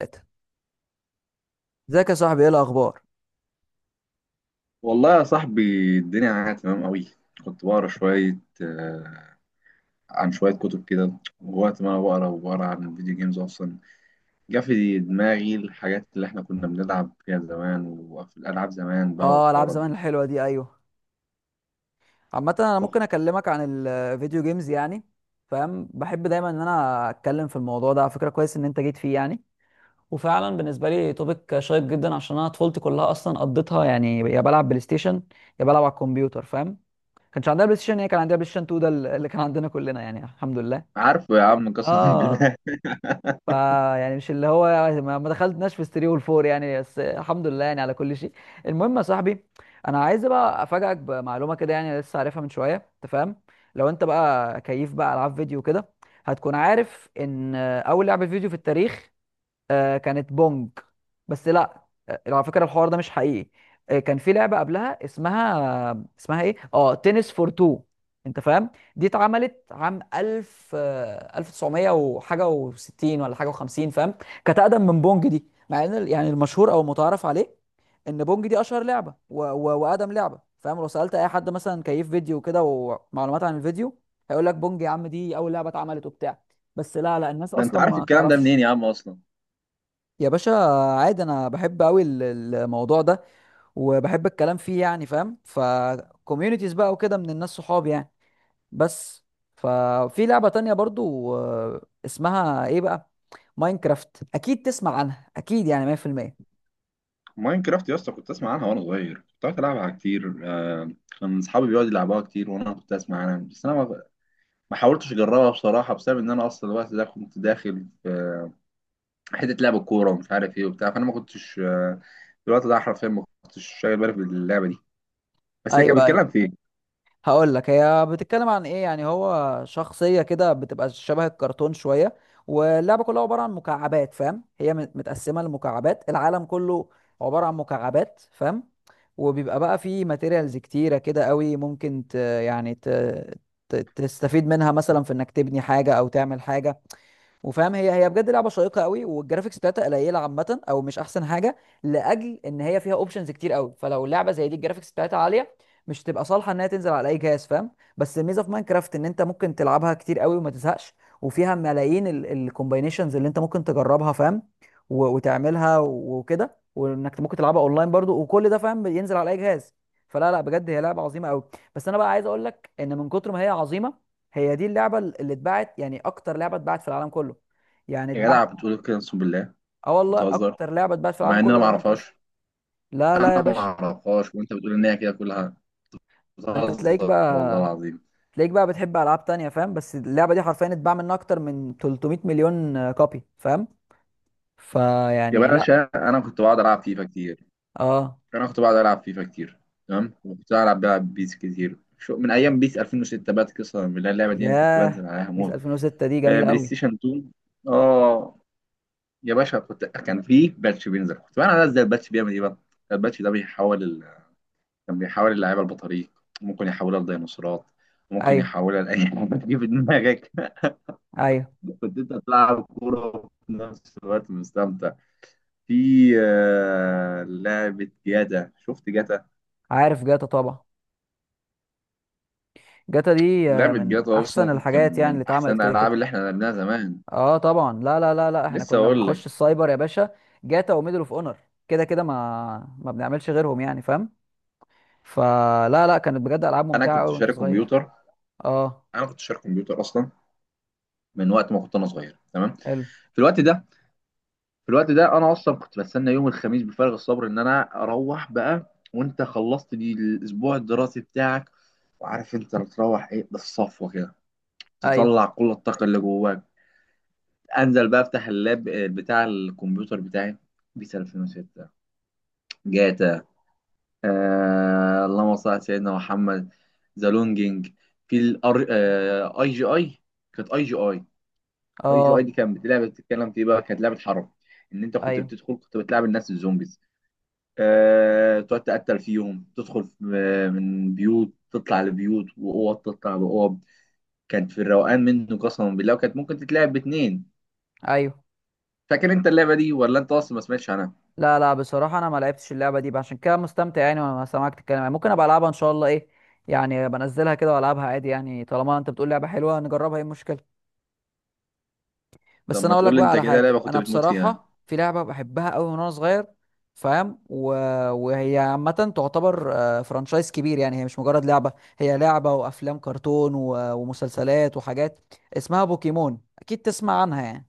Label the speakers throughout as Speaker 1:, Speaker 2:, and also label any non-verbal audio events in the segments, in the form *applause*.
Speaker 1: تلاتة. ازيك يا صاحبي، ايه الاخبار؟
Speaker 2: والله يا صاحبي، الدنيا معايا تمام قوي. كنت بقرا شوية عن شوية كتب كده. ووقت ما أنا بقرا وبقرا عن الفيديو جيمز أصلا جه في دماغي الحاجات اللي إحنا كنا بنلعب فيها زمان، وفي الألعاب زمان بقى
Speaker 1: اه، العاب
Speaker 2: والحوارات
Speaker 1: زمان
Speaker 2: دي.
Speaker 1: الحلوه دي، ايوه. عامه انا ممكن اكلمك عن الفيديو جيمز يعني، فاهم. بحب دايما ان انا اتكلم في الموضوع ده على فكره، كويس ان انت جيت فيه يعني. وفعلا بالنسبه لي توبيك شيق جدا، عشان انا طفولتي كلها اصلا قضيتها يعني يا بلعب بلاي ستيشن يا بلعب على الكمبيوتر، فاهم. كانش عندنا بلاي ستيشن، هي كان عندنا بلاي ستيشن 2، ده اللي كان عندنا كلنا يعني، الحمد لله.
Speaker 2: عارفه يا عم، قسما *laughs*
Speaker 1: اه
Speaker 2: بالله.
Speaker 1: فا يعني مش اللي هو ما دخلتناش في الثري والفور يعني، بس الحمد لله يعني على كل شيء. المهم يا صاحبي، انا عايز بقى افاجئك بمعلومه كده، يعني لسه عارفها من شويه، انت فاهم. لو انت بقى كيف بقى العاب فيديو كده، هتكون عارف ان اول لعبه فيديو في التاريخ كانت بونج. بس لا. على فكره الحوار ده مش حقيقي. كان في لعبه قبلها اسمها ايه، تنس فور تو، انت فاهم. دي اتعملت عام 1000، 1900 وحاجه و60، ولا حاجه و50، فاهم. كانت اقدم من بونج دي، مع ان يعني المشهور او المتعارف عليه ان بونج دي اشهر لعبه واقدم لعبه، فاهم. لو سالت اي حد مثلا كيف فيديو كده ومعلومات عن الفيديو، هيقول لك بونج يا عم، دي اول لعبه اتعملت وبتاع. بس لا لا، الناس
Speaker 2: ده أنت
Speaker 1: اصلا
Speaker 2: عارف
Speaker 1: ما
Speaker 2: الكلام ده
Speaker 1: تعرفش.
Speaker 2: منين يا عم أصلا؟
Speaker 1: يا باشا، عادي انا بحب قوي الموضوع ده، وبحب الكلام فيه يعني، فاهم. فكوميونيتيز بقى وكده من الناس صحابي يعني. بس ففي لعبة تانية برضو، اسمها ايه بقى؟ ماينكرافت اكيد تسمع عنها، اكيد يعني 100%.
Speaker 2: ماينكرافت يا اسطى، كنت أسمع عنها وأنا صغير، كنت قاعد ألعبها كتير كان أصحابي بيقعدوا يلعبوها كتير وأنا كنت أسمع عنها، بس أنا ما حاولتش أجربها بصراحة، بسبب إن أنا أصلا الوقت ده كنت داخل في حته لعب الكوره ومش عارف ايه وبتاع، فانا ما كنتش في الوقت ده حرفيا ما كنتش شايل بالي باللعبه دي. بس هي كانت
Speaker 1: ايوه،
Speaker 2: بتتكلم في ايه؟
Speaker 1: هقول لك هي بتتكلم عن ايه يعني. هو شخصية كده بتبقى شبه الكرتون شوية، واللعبة كلها عبارة عن مكعبات، فاهم. هي متقسمة لمكعبات، العالم كله عبارة عن مكعبات، فاهم. وبيبقى بقى فيه ماتيريالز كتيرة كده قوي، ممكن يعني تستفيد منها مثلا في انك تبني حاجة او تعمل حاجة، وفاهم. هي بجد لعبه شيقه قوي، والجرافيكس بتاعتها قليله عامه، او مش احسن حاجه، لاجل ان هي فيها اوبشنز كتير قوي. فلو لعبه زي دي الجرافيكس بتاعتها عاليه، مش تبقى صالحه انها تنزل على اي جهاز، فاهم. بس الميزه في ماينكرافت ان انت ممكن تلعبها كتير قوي وما تزهقش، وفيها ملايين الكومباينيشنز اللي انت ممكن تجربها، فاهم. وتعملها وكده، وانك ممكن تلعبها اونلاين برضو وكل ده، فاهم، ينزل على اي جهاز. فلا لا، بجد هي لعبه عظيمه قوي. بس انا بقى عايز اقول لك ان من كتر ما هي عظيمه، هي دي اللعبه اللي اتباعت يعني اكتر لعبه اتباعت في العالم كله. يعني
Speaker 2: يا
Speaker 1: اتباع
Speaker 2: جدع
Speaker 1: منها،
Speaker 2: بتقول كده؟ اقسم بالله
Speaker 1: اه والله،
Speaker 2: بتهزر؟
Speaker 1: اكتر لعبه اتباعت في العالم
Speaker 2: مع ان انا
Speaker 1: كله
Speaker 2: ما
Speaker 1: هي ماينكرافت.
Speaker 2: اعرفهاش.
Speaker 1: لا لا يا
Speaker 2: انا ما
Speaker 1: باشا.
Speaker 2: اعرفهاش وانت بتقول ان هي كده كلها.
Speaker 1: ما انت تلاقيك
Speaker 2: بتهزر والله
Speaker 1: بقى
Speaker 2: العظيم.
Speaker 1: بتحب العاب تانية، فاهم. بس اللعبه دي حرفيا اتباع منها اكتر من 300 مليون كوبي، فاهم.
Speaker 2: يا
Speaker 1: فيعني لا.
Speaker 2: باشا،
Speaker 1: اه.
Speaker 2: انا كنت بقعد العب فيفا كتير، تمام. وكنت العب بلعب بيس كتير شو من ايام بيس 2006، بقت قصه من اللعبه دي، انا كنت بنزل
Speaker 1: ياه،
Speaker 2: عليها
Speaker 1: بيس
Speaker 2: موت.
Speaker 1: 2006 دي جميله
Speaker 2: بلاي
Speaker 1: قوي.
Speaker 2: ستيشن 2. اه يا باشا، كنت كان في باتش بينزل، كنت بقى انا ازاي الباتش بيعمل ايه بقى. الباتش ده بيحول كان بيحول اللعيبه لبطاريق، ممكن يحولها لديناصورات، ممكن
Speaker 1: ايوه،
Speaker 2: يحولها لاي حاجه *laughs* تيجي في دماغك.
Speaker 1: ايوه،
Speaker 2: *laughs* كنت انت بتلعب كوره وفي نفس الوقت مستمتع. في لعبه جاتا، شفت جاتا؟
Speaker 1: عارف جاتا طبعا. جاتا دي
Speaker 2: لعبه
Speaker 1: من
Speaker 2: جاتا
Speaker 1: احسن
Speaker 2: اصلا كان
Speaker 1: الحاجات يعني
Speaker 2: من
Speaker 1: اللي
Speaker 2: احسن
Speaker 1: اتعملت كده
Speaker 2: الالعاب
Speaker 1: كده.
Speaker 2: اللي احنا لعبناها زمان.
Speaker 1: اه طبعا، لا لا لا لا، احنا
Speaker 2: لسه
Speaker 1: كنا
Speaker 2: اقول لك.
Speaker 1: بنخش السايبر يا باشا. جاتا وميدل اوف اونر كده كده، ما بنعملش غيرهم يعني، فاهم. فلا لا، كانت بجد العاب
Speaker 2: انا
Speaker 1: ممتعه
Speaker 2: كنت
Speaker 1: قوي وانت
Speaker 2: شاري
Speaker 1: صغير.
Speaker 2: كمبيوتر
Speaker 1: اه.
Speaker 2: انا كنت شاري كمبيوتر اصلا من وقت ما كنت انا صغير، تمام.
Speaker 1: حلو.
Speaker 2: في الوقت ده في الوقت ده انا اصلا كنت بستنى يوم الخميس بفارغ الصبر ان انا اروح بقى، وانت خلصت دي الاسبوع الدراسي بتاعك وعارف انت بتروح ايه بالصفوه كده،
Speaker 1: ايوه.
Speaker 2: تطلع كل الطاقه اللي جواك. انزل بقى افتح اللاب بتاع الكمبيوتر بتاعي. بيس 2006، جاتا، آه اللهم صل على سيدنا محمد، ذا لونجينج، في الار اي جي اي، كانت اي جي اي. اي جي اي
Speaker 1: اه،
Speaker 2: دي كانت بتلعب بتتكلم في إيه بقى؟ كانت لعبه حرب، ان انت كنت
Speaker 1: ايوه،
Speaker 2: بتدخل كنت بتلعب الناس الزومبيز، تقعد تقتل فيهم، تدخل من بيوت تطلع لبيوت، وأوض تطلع بأوض. كانت في الروقان منه قسما بالله، وكانت ممكن تتلعب باتنين.
Speaker 1: ايوه.
Speaker 2: فاكر انت اللعبة دي ولا انت اصلا ما سمعتش عنها؟
Speaker 1: لا لا، بصراحه انا ما لعبتش اللعبه دي بقى، عشان كده مستمتع يعني وانا سامعك تتكلم، يعني ممكن ابقى العبها ان شاء الله، ايه يعني، بنزلها كده والعبها عادي، يعني طالما انت بتقول لعبه حلوه نجربها، ايه المشكله.
Speaker 2: طب
Speaker 1: بس انا
Speaker 2: ما
Speaker 1: اقول لك
Speaker 2: تقول لي
Speaker 1: بقى
Speaker 2: انت
Speaker 1: على
Speaker 2: كده
Speaker 1: حاجه،
Speaker 2: لعبة كنت
Speaker 1: انا
Speaker 2: بتموت فيها.
Speaker 1: بصراحه في لعبه بحبها قوي من وانا صغير، فاهم. وهي عامه تعتبر فرانشايز كبير، يعني هي مش مجرد لعبه، هي لعبه وافلام كرتون ومسلسلات وحاجات. اسمها بوكيمون، اكيد تسمع عنها يعني.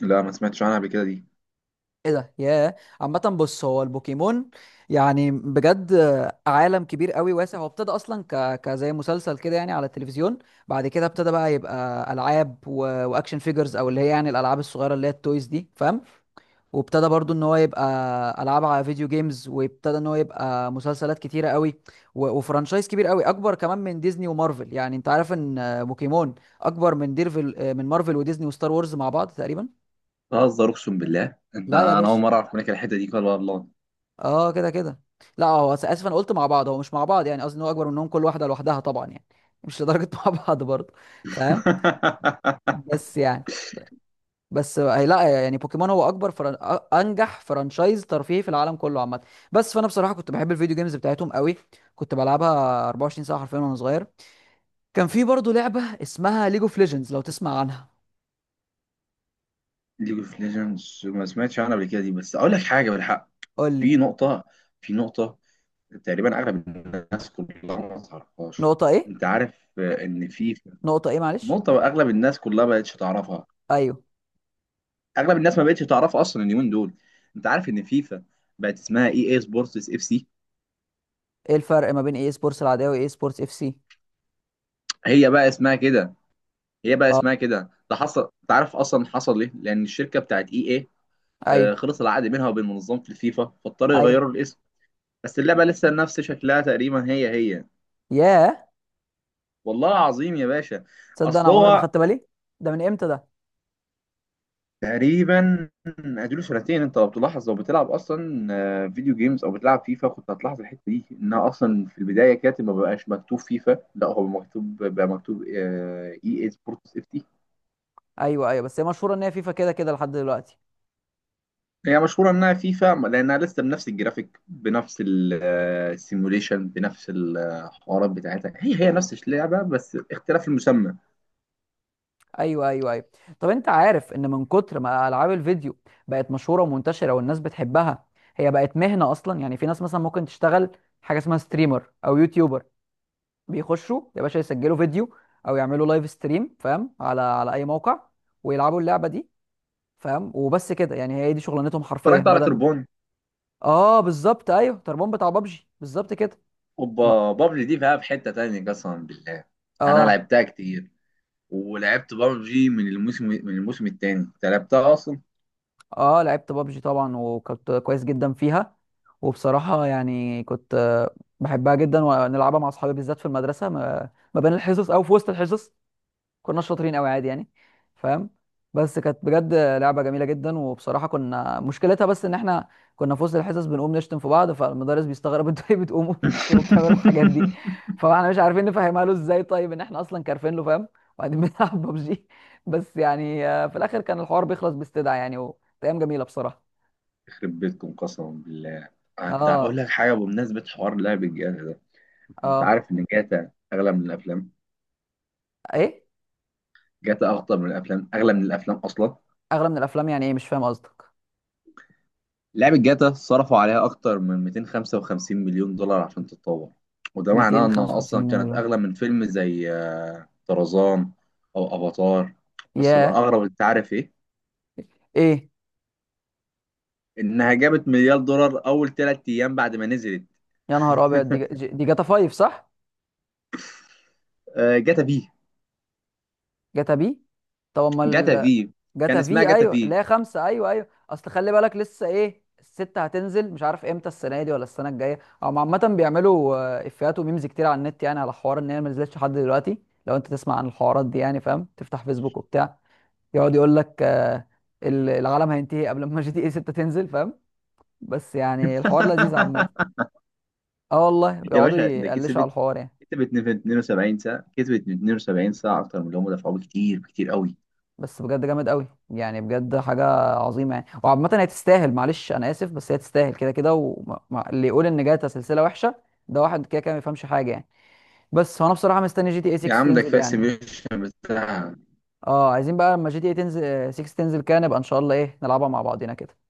Speaker 2: لا ما سمعتش عنها قبل كده دي.
Speaker 1: ايه ده يا! عامه بص، هو البوكيمون يعني بجد عالم كبير قوي واسع. هو ابتدى اصلا كزي مسلسل كده يعني على التلفزيون. بعد كده ابتدى بقى يبقى العاب واكشن فيجرز، او اللي هي يعني الالعاب الصغيره اللي هي التويز دي، فاهم. وابتدى برضو ان هو يبقى العاب على فيديو جيمز، وابتدى ان هو يبقى مسلسلات كتيره قوي وفرانشايز كبير قوي، اكبر كمان من ديزني ومارفل. يعني انت عارف ان بوكيمون اكبر من ديرفل آه، من مارفل وديزني وستار وورز مع بعض تقريبا.
Speaker 2: بهزر اقسم بالله، انت
Speaker 1: لا يا
Speaker 2: انا اول
Speaker 1: باشا.
Speaker 2: مرة اعرف منك الحتة دي، قال والله.
Speaker 1: اه كده كده. لا، هو اسف، انا قلت مع بعض، هو مش مع بعض يعني، قصدي ان هو اكبر منهم كل واحده لوحدها طبعا يعني، مش لدرجه *laughs* مع بعض برضه، فاهم.
Speaker 2: *laughs*
Speaker 1: بس يعني، بس هي لا يعني، بوكيمون هو اكبر انجح فرانشايز ترفيهي في العالم كله عامه. بس فانا بصراحه كنت بحب الفيديو جيمز بتاعتهم قوي، كنت بلعبها 24 ساعه حرفيا وانا صغير. كان في برضه لعبه اسمها ليج اوف ليجندز، لو تسمع عنها.
Speaker 2: ليج اوف ليجندز ما سمعتش عنها قبل كده دي، بس اقول لك حاجة بالحق.
Speaker 1: قول
Speaker 2: في
Speaker 1: لي.
Speaker 2: نقطة في نقطة تقريبا اغلب الناس كلها ما تعرفهاش.
Speaker 1: نقطه ايه؟
Speaker 2: انت عارف ان في
Speaker 1: نقطه ايه، معلش؟
Speaker 2: نقطه اغلب الناس كلها ما بقتش تعرفها.
Speaker 1: ايوه.
Speaker 2: اغلب الناس ما بقتش تعرف اصلا اليومين دول. انت عارف ان فيفا بقت اسمها اي اي سبورتس اف سي؟
Speaker 1: ايه الفرق ما بين اي سبورتس العاديه واي سبورتس اف سي؟
Speaker 2: هي بقى اسمها كده هي بقى
Speaker 1: اه.
Speaker 2: اسمها كده. ده حصل، انت عارف اصلا حصل ليه؟ لان الشركه بتاعت اي اي
Speaker 1: ايوه
Speaker 2: خلص العقد منها وبين منظمه الفيفا، فاضطروا
Speaker 1: ايوه.
Speaker 2: يغيروا الاسم. بس اللعبه لسه نفس شكلها تقريبا، هي هي.
Speaker 1: ياه،
Speaker 2: والله العظيم يا باشا.
Speaker 1: تصدق انا
Speaker 2: اصل
Speaker 1: عمري ما
Speaker 2: هو
Speaker 1: خدت بالي. ده من امتى ده؟
Speaker 2: تقريبا اديله سنتين. انت لو بتلاحظ لو بتلعب اصلا فيديو جيمز او بتلعب فيفا كنت هتلاحظ الحته دي، انها اصلا في البدايه كانت ما بقاش مكتوب فيفا، لا هو مكتوب بقى مكتوب اي اي سبورتس اف تي.
Speaker 1: ايوه ايوه، بس هي مشهوره ان هي فيفا كده كده لحد دلوقتي.
Speaker 2: هي مشهوره انها فيفا لانها لسه بنفس الجرافيك، بنفس السيموليشن، بنفس الحوارات بتاعتها، هي هي نفس اللعبه بس اختلاف المسمى.
Speaker 1: ايوه ايوه ايوه. طب انت عارف ان من كتر ما العاب الفيديو بقت مشهوره ومنتشره والناس بتحبها، هي بقت مهنه اصلا. يعني في ناس مثلا ممكن تشتغل حاجه اسمها ستريمر او يوتيوبر، بيخشوا يا باشا يسجلوا فيديو او يعملوا لايف ستريم، فاهم، على اي موقع، ويلعبوا اللعبه دي، فاهم، وبس كده يعني، هي دي شغلانتهم حرفيا
Speaker 2: اتفرجت على
Speaker 1: بدل.
Speaker 2: تربون.
Speaker 1: اه بالظبط، ايوه تربون بتاع بابجي بالظبط كده. ما
Speaker 2: اوبا بابجي دي بقى في حته تانيه قسما بالله. انا
Speaker 1: اه.
Speaker 2: لعبتها كتير. ولعبت بابجي من الموسم الثاني. انت لعبتها اصلا؟
Speaker 1: اه لعبت بابجي طبعا، وكنت كويس جدا فيها، وبصراحة يعني كنت بحبها جدا، ونلعبها مع اصحابي بالذات في المدرسة ما بين الحصص او في وسط الحصص، كنا شاطرين قوي عادي يعني، فاهم. بس كانت بجد لعبه جميله جدا، وبصراحه كنا مشكلتها بس ان احنا كنا في وسط الحصص بنقوم نشتم في بعض، فالمدرس بيستغرب *laughs* انتوا ليه بتقوموا بتشتموا بتعملوا الحاجات دي؟
Speaker 2: *laughs*
Speaker 1: فاحنا مش عارفين نفهمها له ازاي، طيب ان احنا اصلا كارفين له، فاهم. وبعدين بنلعب *laughs* ببجي. بس يعني في الاخر كان الحوار بيخلص باستدعاء يعني، وكانت ايام جميله بصراحه.
Speaker 2: يخرب بيتكم قسما بالله. انت هقول
Speaker 1: اه.
Speaker 2: لك حاجه بمناسبه حوار لعب الجاتا ده. انت
Speaker 1: اه.
Speaker 2: عارف ان جاتا اغلى من الافلام؟
Speaker 1: ايه
Speaker 2: جاتا اخطر من الافلام، اغلى من الافلام اصلا.
Speaker 1: اغلى من الافلام؟ يعني ايه، مش فاهم قصدك.
Speaker 2: لعبه جاتا صرفوا عليها اكتر من 255 مليون دولار عشان تتطور. وده معناه انها
Speaker 1: 255
Speaker 2: اصلا
Speaker 1: مليون
Speaker 2: كانت
Speaker 1: دولار!
Speaker 2: اغلى من فيلم زي طرزان او افاتار. بس
Speaker 1: ياه.
Speaker 2: الاغرب، انت عارف ايه؟
Speaker 1: ايه؟
Speaker 2: انها جابت مليار دولار اول 3 ايام بعد ما نزلت.
Speaker 1: يا نهار ابيض، دي دي جاتا 5 صح؟
Speaker 2: آه، جاتا في.
Speaker 1: جاتا بي، طب
Speaker 2: جاتا
Speaker 1: امال.
Speaker 2: في كان
Speaker 1: جاتا
Speaker 2: اسمها
Speaker 1: في،
Speaker 2: جاتا
Speaker 1: ايوه، اللي
Speaker 2: في.
Speaker 1: هي خمسه. ايوه ايوه، اصل خلي بالك، لسه ايه الستة هتنزل، مش عارف امتى، السنه دي ولا السنه الجايه. او عامه بيعملوا افيهات وميمز كتير على النت، يعني على حوار ان هي ما نزلتش لحد دلوقتي. لو انت تسمع عن الحوارات دي يعني، فاهم، تفتح فيسبوك وبتاع، يقعد يقول لك العالم هينتهي قبل ما *laughs* جي تي اي 6 تنزل، فاهم. بس يعني الحوار لذيذ عامه.
Speaker 2: *laughs*
Speaker 1: اه والله،
Speaker 2: يا
Speaker 1: يقعدوا
Speaker 2: باشا ده
Speaker 1: يقلشوا على
Speaker 2: كسبت
Speaker 1: الحوار يعني.
Speaker 2: كسبت 72 ساعة، أكتر من اللي هم دفعوه، كتير كتير قوي.
Speaker 1: بس بجد جامد قوي يعني، بجد حاجه عظيمه يعني. وعامه هي تستاهل، معلش انا اسف، بس هي تستاهل كده كده. واللي يقول ان جاتا سلسله وحشه، ده واحد كده كده ما يفهمش حاجه يعني. بس هو انا بصراحه مستني جي تي اي
Speaker 2: يا
Speaker 1: 6
Speaker 2: عم ده
Speaker 1: تنزل
Speaker 2: كفاية
Speaker 1: يعني.
Speaker 2: السيميوليشن بتاعها.
Speaker 1: اه، عايزين بقى لما جي تي اي تنزل 6 تنزل كده، نبقى ان شاء الله ايه نلعبها مع بعضينا كده.